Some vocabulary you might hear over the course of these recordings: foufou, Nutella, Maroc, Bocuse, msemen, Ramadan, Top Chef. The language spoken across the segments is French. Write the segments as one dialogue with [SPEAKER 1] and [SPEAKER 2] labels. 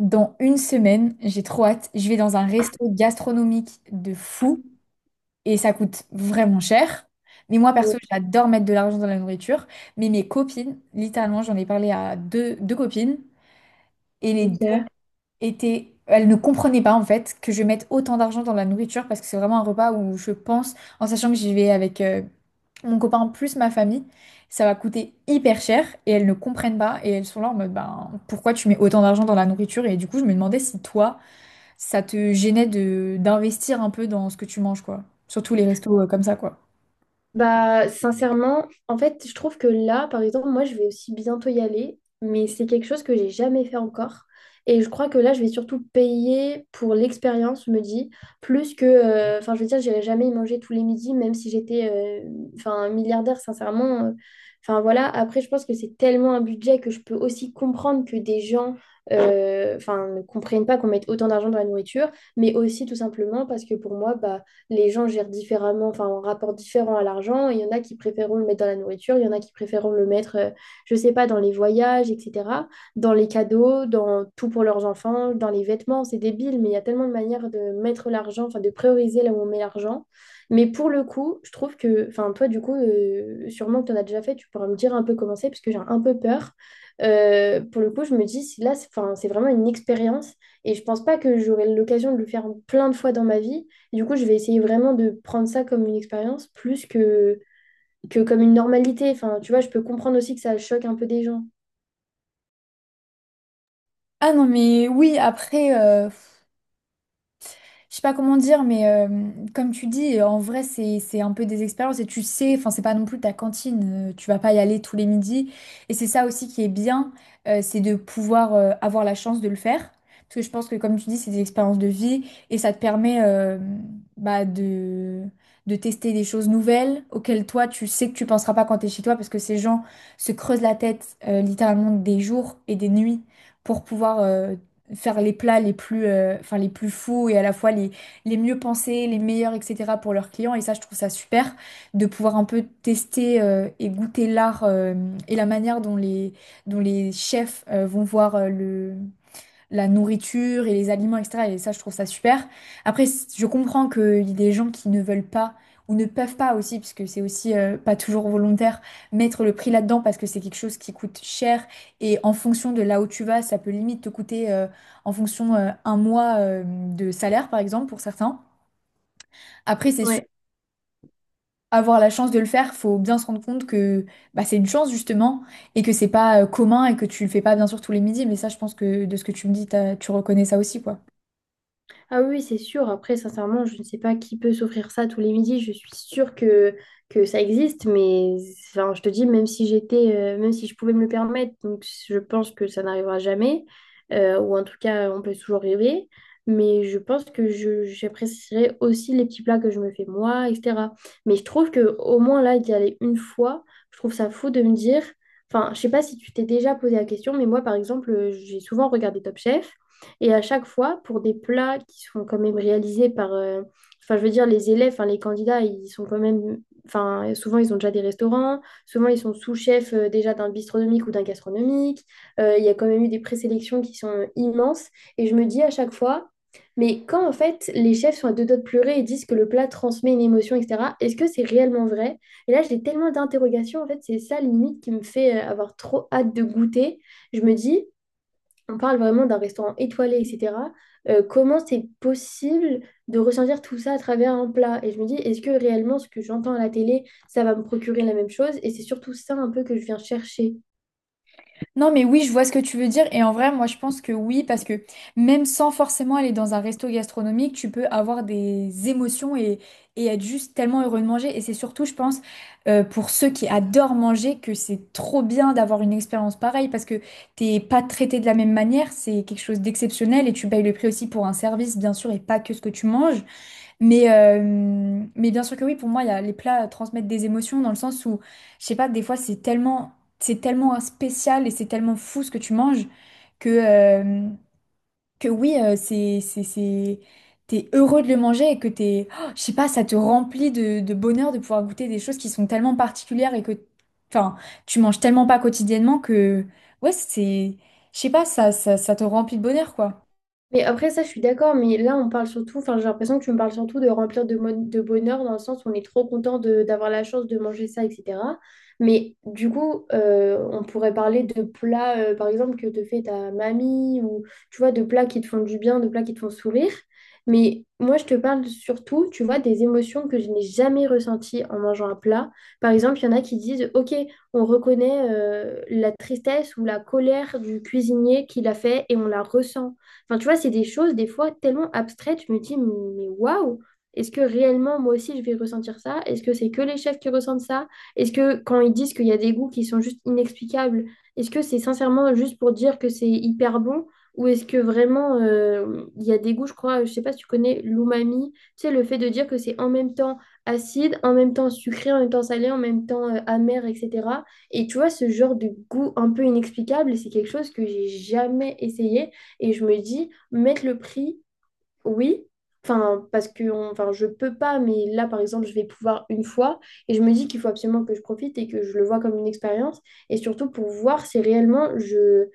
[SPEAKER 1] Dans une semaine, j'ai trop hâte. Je vais dans un resto gastronomique de fou et ça coûte vraiment cher. Mais moi, perso,
[SPEAKER 2] Ouais,
[SPEAKER 1] j'adore mettre de l'argent dans la nourriture. Mais mes copines, littéralement, j'en ai parlé à deux copines et les deux
[SPEAKER 2] c'est clair.
[SPEAKER 1] étaient. Elles ne comprenaient pas en fait que je mette autant d'argent dans la nourriture parce que c'est vraiment un repas où je pense, en sachant que j'y vais avec mon copain plus ma famille, ça va coûter hyper cher et elles ne comprennent pas et elles sont là en mode ben pourquoi tu mets autant d'argent dans la nourriture et du coup je me demandais si toi ça te gênait de d'investir un peu dans ce que tu manges, quoi. Surtout les restos comme ça, quoi.
[SPEAKER 2] Bah, sincèrement, en fait, je trouve que là, par exemple, moi, je vais aussi bientôt y aller, mais c'est quelque chose que j'ai jamais fait encore. Et je crois que là, je vais surtout payer pour l'expérience, je me dis, plus que, enfin, je veux dire, j'irai jamais y manger tous les midis, même si j'étais, enfin, milliardaire, sincèrement. Enfin, voilà. Après, je pense que c'est tellement un budget que je peux aussi comprendre que des gens, enfin, ne comprennent pas qu'on mette autant d'argent dans la nourriture, mais aussi tout simplement parce que pour moi, bah les gens gèrent différemment, enfin, un rapport différent à l'argent. Il y en a qui préféreront le mettre dans la nourriture, il y en a qui préféreront le mettre, je sais pas, dans les voyages, etc., dans les cadeaux, dans tout pour leurs enfants, dans les vêtements. C'est débile, mais il y a tellement de manières de mettre l'argent, enfin, de prioriser là où on met l'argent. Mais pour le coup, je trouve que, enfin, toi, du coup, sûrement que tu en as déjà fait, tu pourras me dire un peu comment c'est, parce que j'ai un peu peur. Pour le coup, je me dis, si là, c'est 'fin, c'est vraiment une expérience et je pense pas que j'aurai l'occasion de le faire plein de fois dans ma vie. Du coup, je vais essayer vraiment de prendre ça comme une expérience plus que comme une normalité. Enfin, tu vois, je peux comprendre aussi que ça choque un peu des gens.
[SPEAKER 1] Ah non, mais oui, après, je sais pas comment dire, mais comme tu dis, en vrai, c'est un peu des expériences et tu sais, enfin, c'est pas non plus ta cantine, tu vas pas y aller tous les midis. Et c'est ça aussi qui est bien, c'est de pouvoir avoir la chance de le faire. Parce que je pense que, comme tu dis, c'est des expériences de vie et ça te permet bah, de tester des choses nouvelles auxquelles toi, tu sais que tu penseras pas quand t'es chez toi parce que ces gens se creusent la tête littéralement des jours et des nuits pour pouvoir faire les plats les plus, enfin, les plus fous et à la fois les mieux pensés, les meilleurs, etc. pour leurs clients. Et ça, je trouve ça super de pouvoir un peu tester et goûter l'art et la manière dont les, dont les chefs vont voir le, la nourriture et les aliments, etc. Et ça, je trouve ça super. Après, je comprends qu'il y a des gens qui ne veulent pas ou ne peuvent pas aussi, puisque c'est aussi pas toujours volontaire, mettre le prix là-dedans parce que c'est quelque chose qui coûte cher. Et en fonction de là où tu vas, ça peut limite te coûter en fonction un mois de salaire, par exemple, pour certains. Après, c'est sûr.
[SPEAKER 2] Ouais.
[SPEAKER 1] Avoir la chance de le faire, faut bien se rendre compte que bah, c'est une chance justement et que c'est pas commun et que tu le fais pas bien sûr tous les midis. Mais ça, je pense que de ce que tu me dis, tu reconnais ça aussi, quoi.
[SPEAKER 2] Ah oui, c'est sûr. Après, sincèrement, je ne sais pas qui peut s'offrir ça tous les midis. Je suis sûre que ça existe, mais enfin, je te dis, même si j'étais, même si je pouvais me le permettre, donc je pense que ça n'arrivera jamais, ou en tout cas, on peut toujours rêver. Mais je pense que j'apprécierais aussi les petits plats que je me fais moi, etc. Mais je trouve que au moins là, d'y aller une fois, je trouve ça fou de me dire. Enfin, je sais pas si tu t'es déjà posé la question, mais moi, par exemple, j'ai souvent regardé Top Chef. Et à chaque fois, pour des plats qui sont quand même réalisés par, enfin, je veux dire, les élèves, enfin, les candidats, ils sont quand même, enfin, souvent, ils ont déjà des restaurants, souvent, ils sont sous-chefs déjà d'un bistronomique ou d'un gastronomique. Il y a quand même eu des présélections qui sont immenses. Et je me dis à chaque fois, mais quand en fait les chefs sont à deux doigts de pleurer et disent que le plat transmet une émotion, etc., est-ce que c'est réellement vrai? Et là, j'ai tellement d'interrogations, en fait, c'est ça limite qui me fait avoir trop hâte de goûter. Je me dis, on parle vraiment d'un restaurant étoilé, etc. Comment c'est possible de ressentir tout ça à travers un plat? Et je me dis, est-ce que réellement ce que j'entends à la télé, ça va me procurer la même chose? Et c'est surtout ça un peu que je viens chercher.
[SPEAKER 1] Non, mais oui, je vois ce que tu veux dire. Et en vrai, moi, je pense que oui, parce que même sans forcément aller dans un resto gastronomique, tu peux avoir des émotions et être juste tellement heureux de manger. Et c'est surtout, je pense, pour ceux qui adorent manger, que c'est trop bien d'avoir une expérience pareille, parce que t'es pas traité de la même manière, c'est quelque chose d'exceptionnel et tu payes le prix aussi pour un service, bien sûr, et pas que ce que tu manges. Mais, euh, mais bien sûr que oui, pour moi, il y a, les plats transmettent des émotions dans le sens où, je sais pas, des fois, c'est tellement spécial et c'est tellement fou ce que tu manges que, euh, que oui, c'est, t'es heureux de le manger et que t'es, oh, je sais pas, ça te remplit de bonheur de pouvoir goûter des choses qui sont tellement particulières et que, enfin, tu manges tellement pas quotidiennement que, ouais, c'est, je sais pas, ça te remplit de bonheur, quoi.
[SPEAKER 2] Mais après, ça, je suis d'accord, mais là, on parle surtout, enfin, j'ai l'impression que tu me parles surtout de remplir de, mon- de bonheur, dans le sens où on est trop content de- d'avoir la chance de manger ça, etc. Mais du coup, on pourrait parler de plats, par exemple, que te fait ta mamie, ou tu vois, de plats qui te font du bien, de plats qui te font sourire. Mais moi, je te parle surtout, tu vois, des émotions que je n'ai jamais ressenties en mangeant un plat. Par exemple, il y en a qui disent, OK, on reconnaît la tristesse ou la colère du cuisinier qui l'a fait et on la ressent. Enfin, tu vois, c'est des choses, des fois, tellement abstraites, je me dis, mais waouh, est-ce que réellement, moi aussi, je vais ressentir ça? Est-ce que c'est que les chefs qui ressentent ça? Est-ce que quand ils disent qu'il y a des goûts qui sont juste inexplicables, est-ce que c'est sincèrement juste pour dire que c'est hyper bon? Ou est-ce que vraiment, il y a des goûts, je crois, je sais pas si tu connais l'umami, tu sais, le fait de dire que c'est en même temps acide, en même temps sucré, en même temps salé, en même temps amer, etc. Et tu vois, ce genre de goût un peu inexplicable, c'est quelque chose que j'ai jamais essayé. Et je me dis, mettre le prix, oui, enfin, parce que on- enfin, je peux pas, mais là, par exemple, je vais pouvoir une fois. Et je me dis qu'il faut absolument que je profite et que je le vois comme une expérience. Et surtout pour voir si réellement je...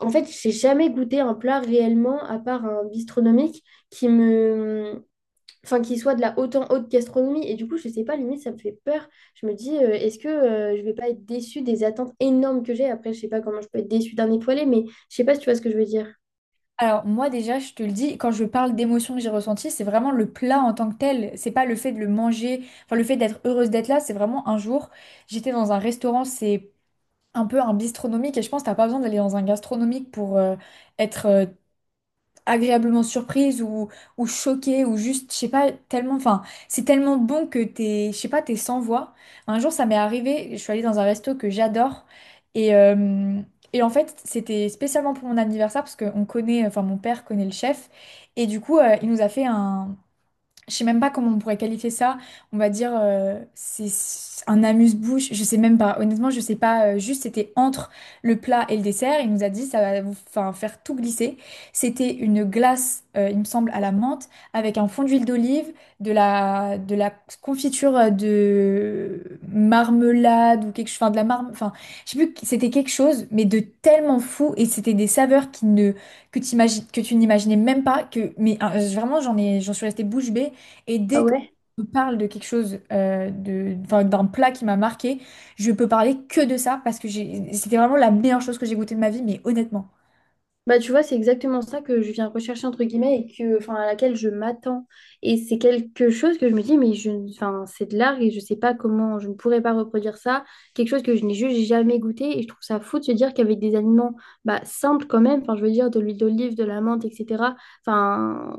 [SPEAKER 2] En fait, j'ai jamais goûté un plat réellement, à part un bistronomique, qui me... Enfin, qui soit de la haute en haute gastronomie. Et du coup, je sais pas, limite, ça me fait peur. Je me dis, est-ce que je vais pas être déçue des attentes énormes que j'ai? Après, je sais pas comment je peux être déçue d'un étoilé, mais je sais pas si tu vois ce que je veux dire.
[SPEAKER 1] Alors moi déjà, je te le dis, quand je parle d'émotions que j'ai ressenties, c'est vraiment le plat en tant que tel. C'est pas le fait de le manger, enfin le fait d'être heureuse d'être là. C'est vraiment un jour, j'étais dans un restaurant, c'est un peu un bistronomique et je pense que t'as pas besoin d'aller dans un gastronomique pour être agréablement surprise ou choquée ou juste, je sais pas, tellement, enfin, c'est tellement bon que t'es, je sais pas, t'es sans voix. Un jour, ça m'est arrivé, je suis allée dans un resto que j'adore et, euh, et en fait, c'était spécialement pour mon anniversaire parce qu'on connaît, enfin, mon père connaît le chef et du coup, il nous a fait un, je sais même pas comment on pourrait qualifier ça. On va dire c'est un amuse-bouche. Je sais même pas. Honnêtement, je sais pas. Juste, c'était entre le plat et le dessert. Il nous a dit ça va vous enfin, faire tout glisser. C'était une glace, il me semble, à la menthe avec un fond d'huile d'olive, de la confiture de marmelade ou quelque chose. Enfin, de la marme. Enfin, je sais plus. C'était quelque chose, mais de tellement fou et c'était des saveurs qui ne que tu que tu n'imaginais même pas que. Mais vraiment, j'en suis restée bouche bée. Et
[SPEAKER 2] Ah
[SPEAKER 1] dès que
[SPEAKER 2] ouais?
[SPEAKER 1] je parle de quelque chose, enfin, d'un plat qui m'a marqué, je peux parler que de ça parce que j'ai- c'était vraiment la meilleure chose que j'ai goûtée de ma vie, mais honnêtement.
[SPEAKER 2] Bah, tu vois, c'est exactement ça que je viens rechercher, entre guillemets, et que, enfin, à laquelle je m'attends. Et c'est quelque chose que je me dis, mais je, enfin, c'est de l'art et je sais pas comment, je ne pourrais pas reproduire ça. Quelque chose que je n'ai juste jamais goûté. Et je trouve ça fou de se dire qu'avec des aliments bah, simples quand même, enfin, je veux dire, de l'huile d'olive, de la menthe, etc. Enfin,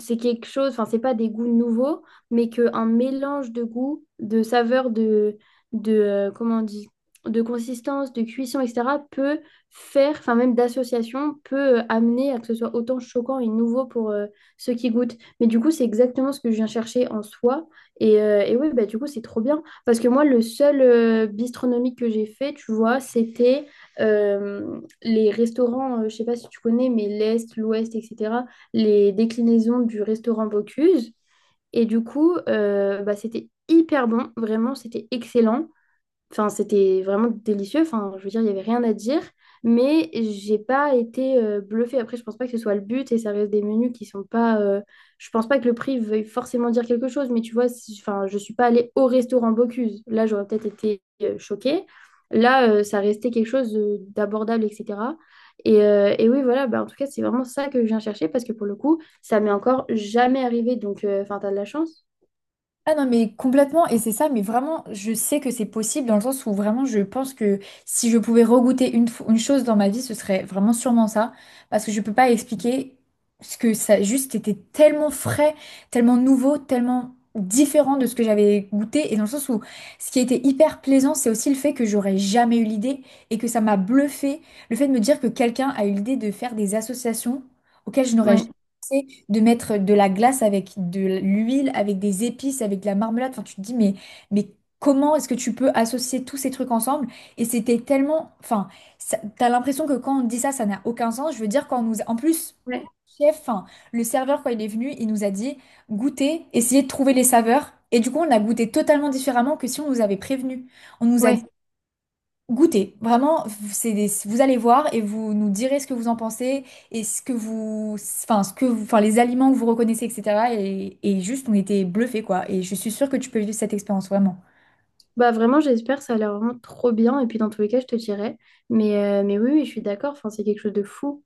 [SPEAKER 2] c'est quelque chose, enfin, c'est pas des goûts nouveaux, mais qu'un mélange de goûts, de saveurs, de comment on dit, de consistance, de cuisson, etc., peut faire, enfin même d'association, peut amener à que ce soit autant choquant et nouveau pour ceux qui goûtent. Mais du coup, c'est exactement ce que je viens chercher en soi. Et oui bah, du coup, c'est trop bien. Parce que moi, le seul bistronomique que j'ai fait, tu vois, c'était les restaurants, je sais pas si tu connais, mais l'Est, l'Ouest, etc., les déclinaisons du restaurant Bocuse. Et du coup, bah, c'était hyper bon, vraiment, c'était excellent. Enfin, c'était vraiment délicieux. Enfin, je veux dire, il n'y avait rien à dire. Mais j'ai pas été bluffée. Après, je pense pas que ce soit le but et ça reste des menus qui sont pas. Je pense pas que le prix veuille forcément dire quelque chose. Mais tu vois, si- enfin, je suis pas allée au restaurant Bocuse. Là, j'aurais peut-être été choquée. Là, ça restait quelque chose de- d'abordable, etc. Et oui, voilà, bah, en tout cas, c'est vraiment ça que je viens chercher parce que pour le coup, ça m'est encore jamais arrivé. Donc, enfin, t'as de la chance.
[SPEAKER 1] Ah non, mais complètement, et c'est ça, mais vraiment, je sais que c'est possible dans le sens où vraiment, je pense que si je pouvais regoûter une chose dans ma vie, ce serait vraiment sûrement ça, parce que je peux pas expliquer ce que ça juste était tellement frais, tellement nouveau, tellement différent de ce que j'avais goûté, et dans le sens où ce qui était hyper plaisant, c'est aussi le fait que j'aurais jamais eu l'idée, et que ça m'a bluffé, le fait de me dire que quelqu'un a eu l'idée de faire des associations auxquelles je n'aurais
[SPEAKER 2] Ouais.
[SPEAKER 1] jamais pensé, de mettre de la glace avec de l'huile, avec des épices, avec de la marmelade. Enfin, tu te dis, mais comment est-ce que tu peux associer tous ces trucs ensemble? Et c'était tellement... Enfin, t'as l'impression que quand on dit ça, ça n'a aucun sens. Je veux dire, quand on nous... En plus,
[SPEAKER 2] Ouais,
[SPEAKER 1] enfin, le serveur, quand il est venu, il nous a dit, goûtez, essayez de trouver les saveurs. Et du coup, on a goûté totalement différemment que si on nous avait prévenu. On nous a
[SPEAKER 2] ouais.
[SPEAKER 1] Goûtez, vraiment, c'est des- vous allez voir et vous nous direz ce que vous en pensez et ce que vous, enfin, les aliments que vous reconnaissez, etc. Et juste, on était bluffés, quoi. Et je suis sûre que tu peux vivre cette expérience, vraiment.
[SPEAKER 2] Bah vraiment, j'espère, ça a l'air vraiment trop bien. Et puis dans tous les cas, je te dirai. Mais oui, oui, je suis d'accord. Enfin, c'est quelque chose de fou.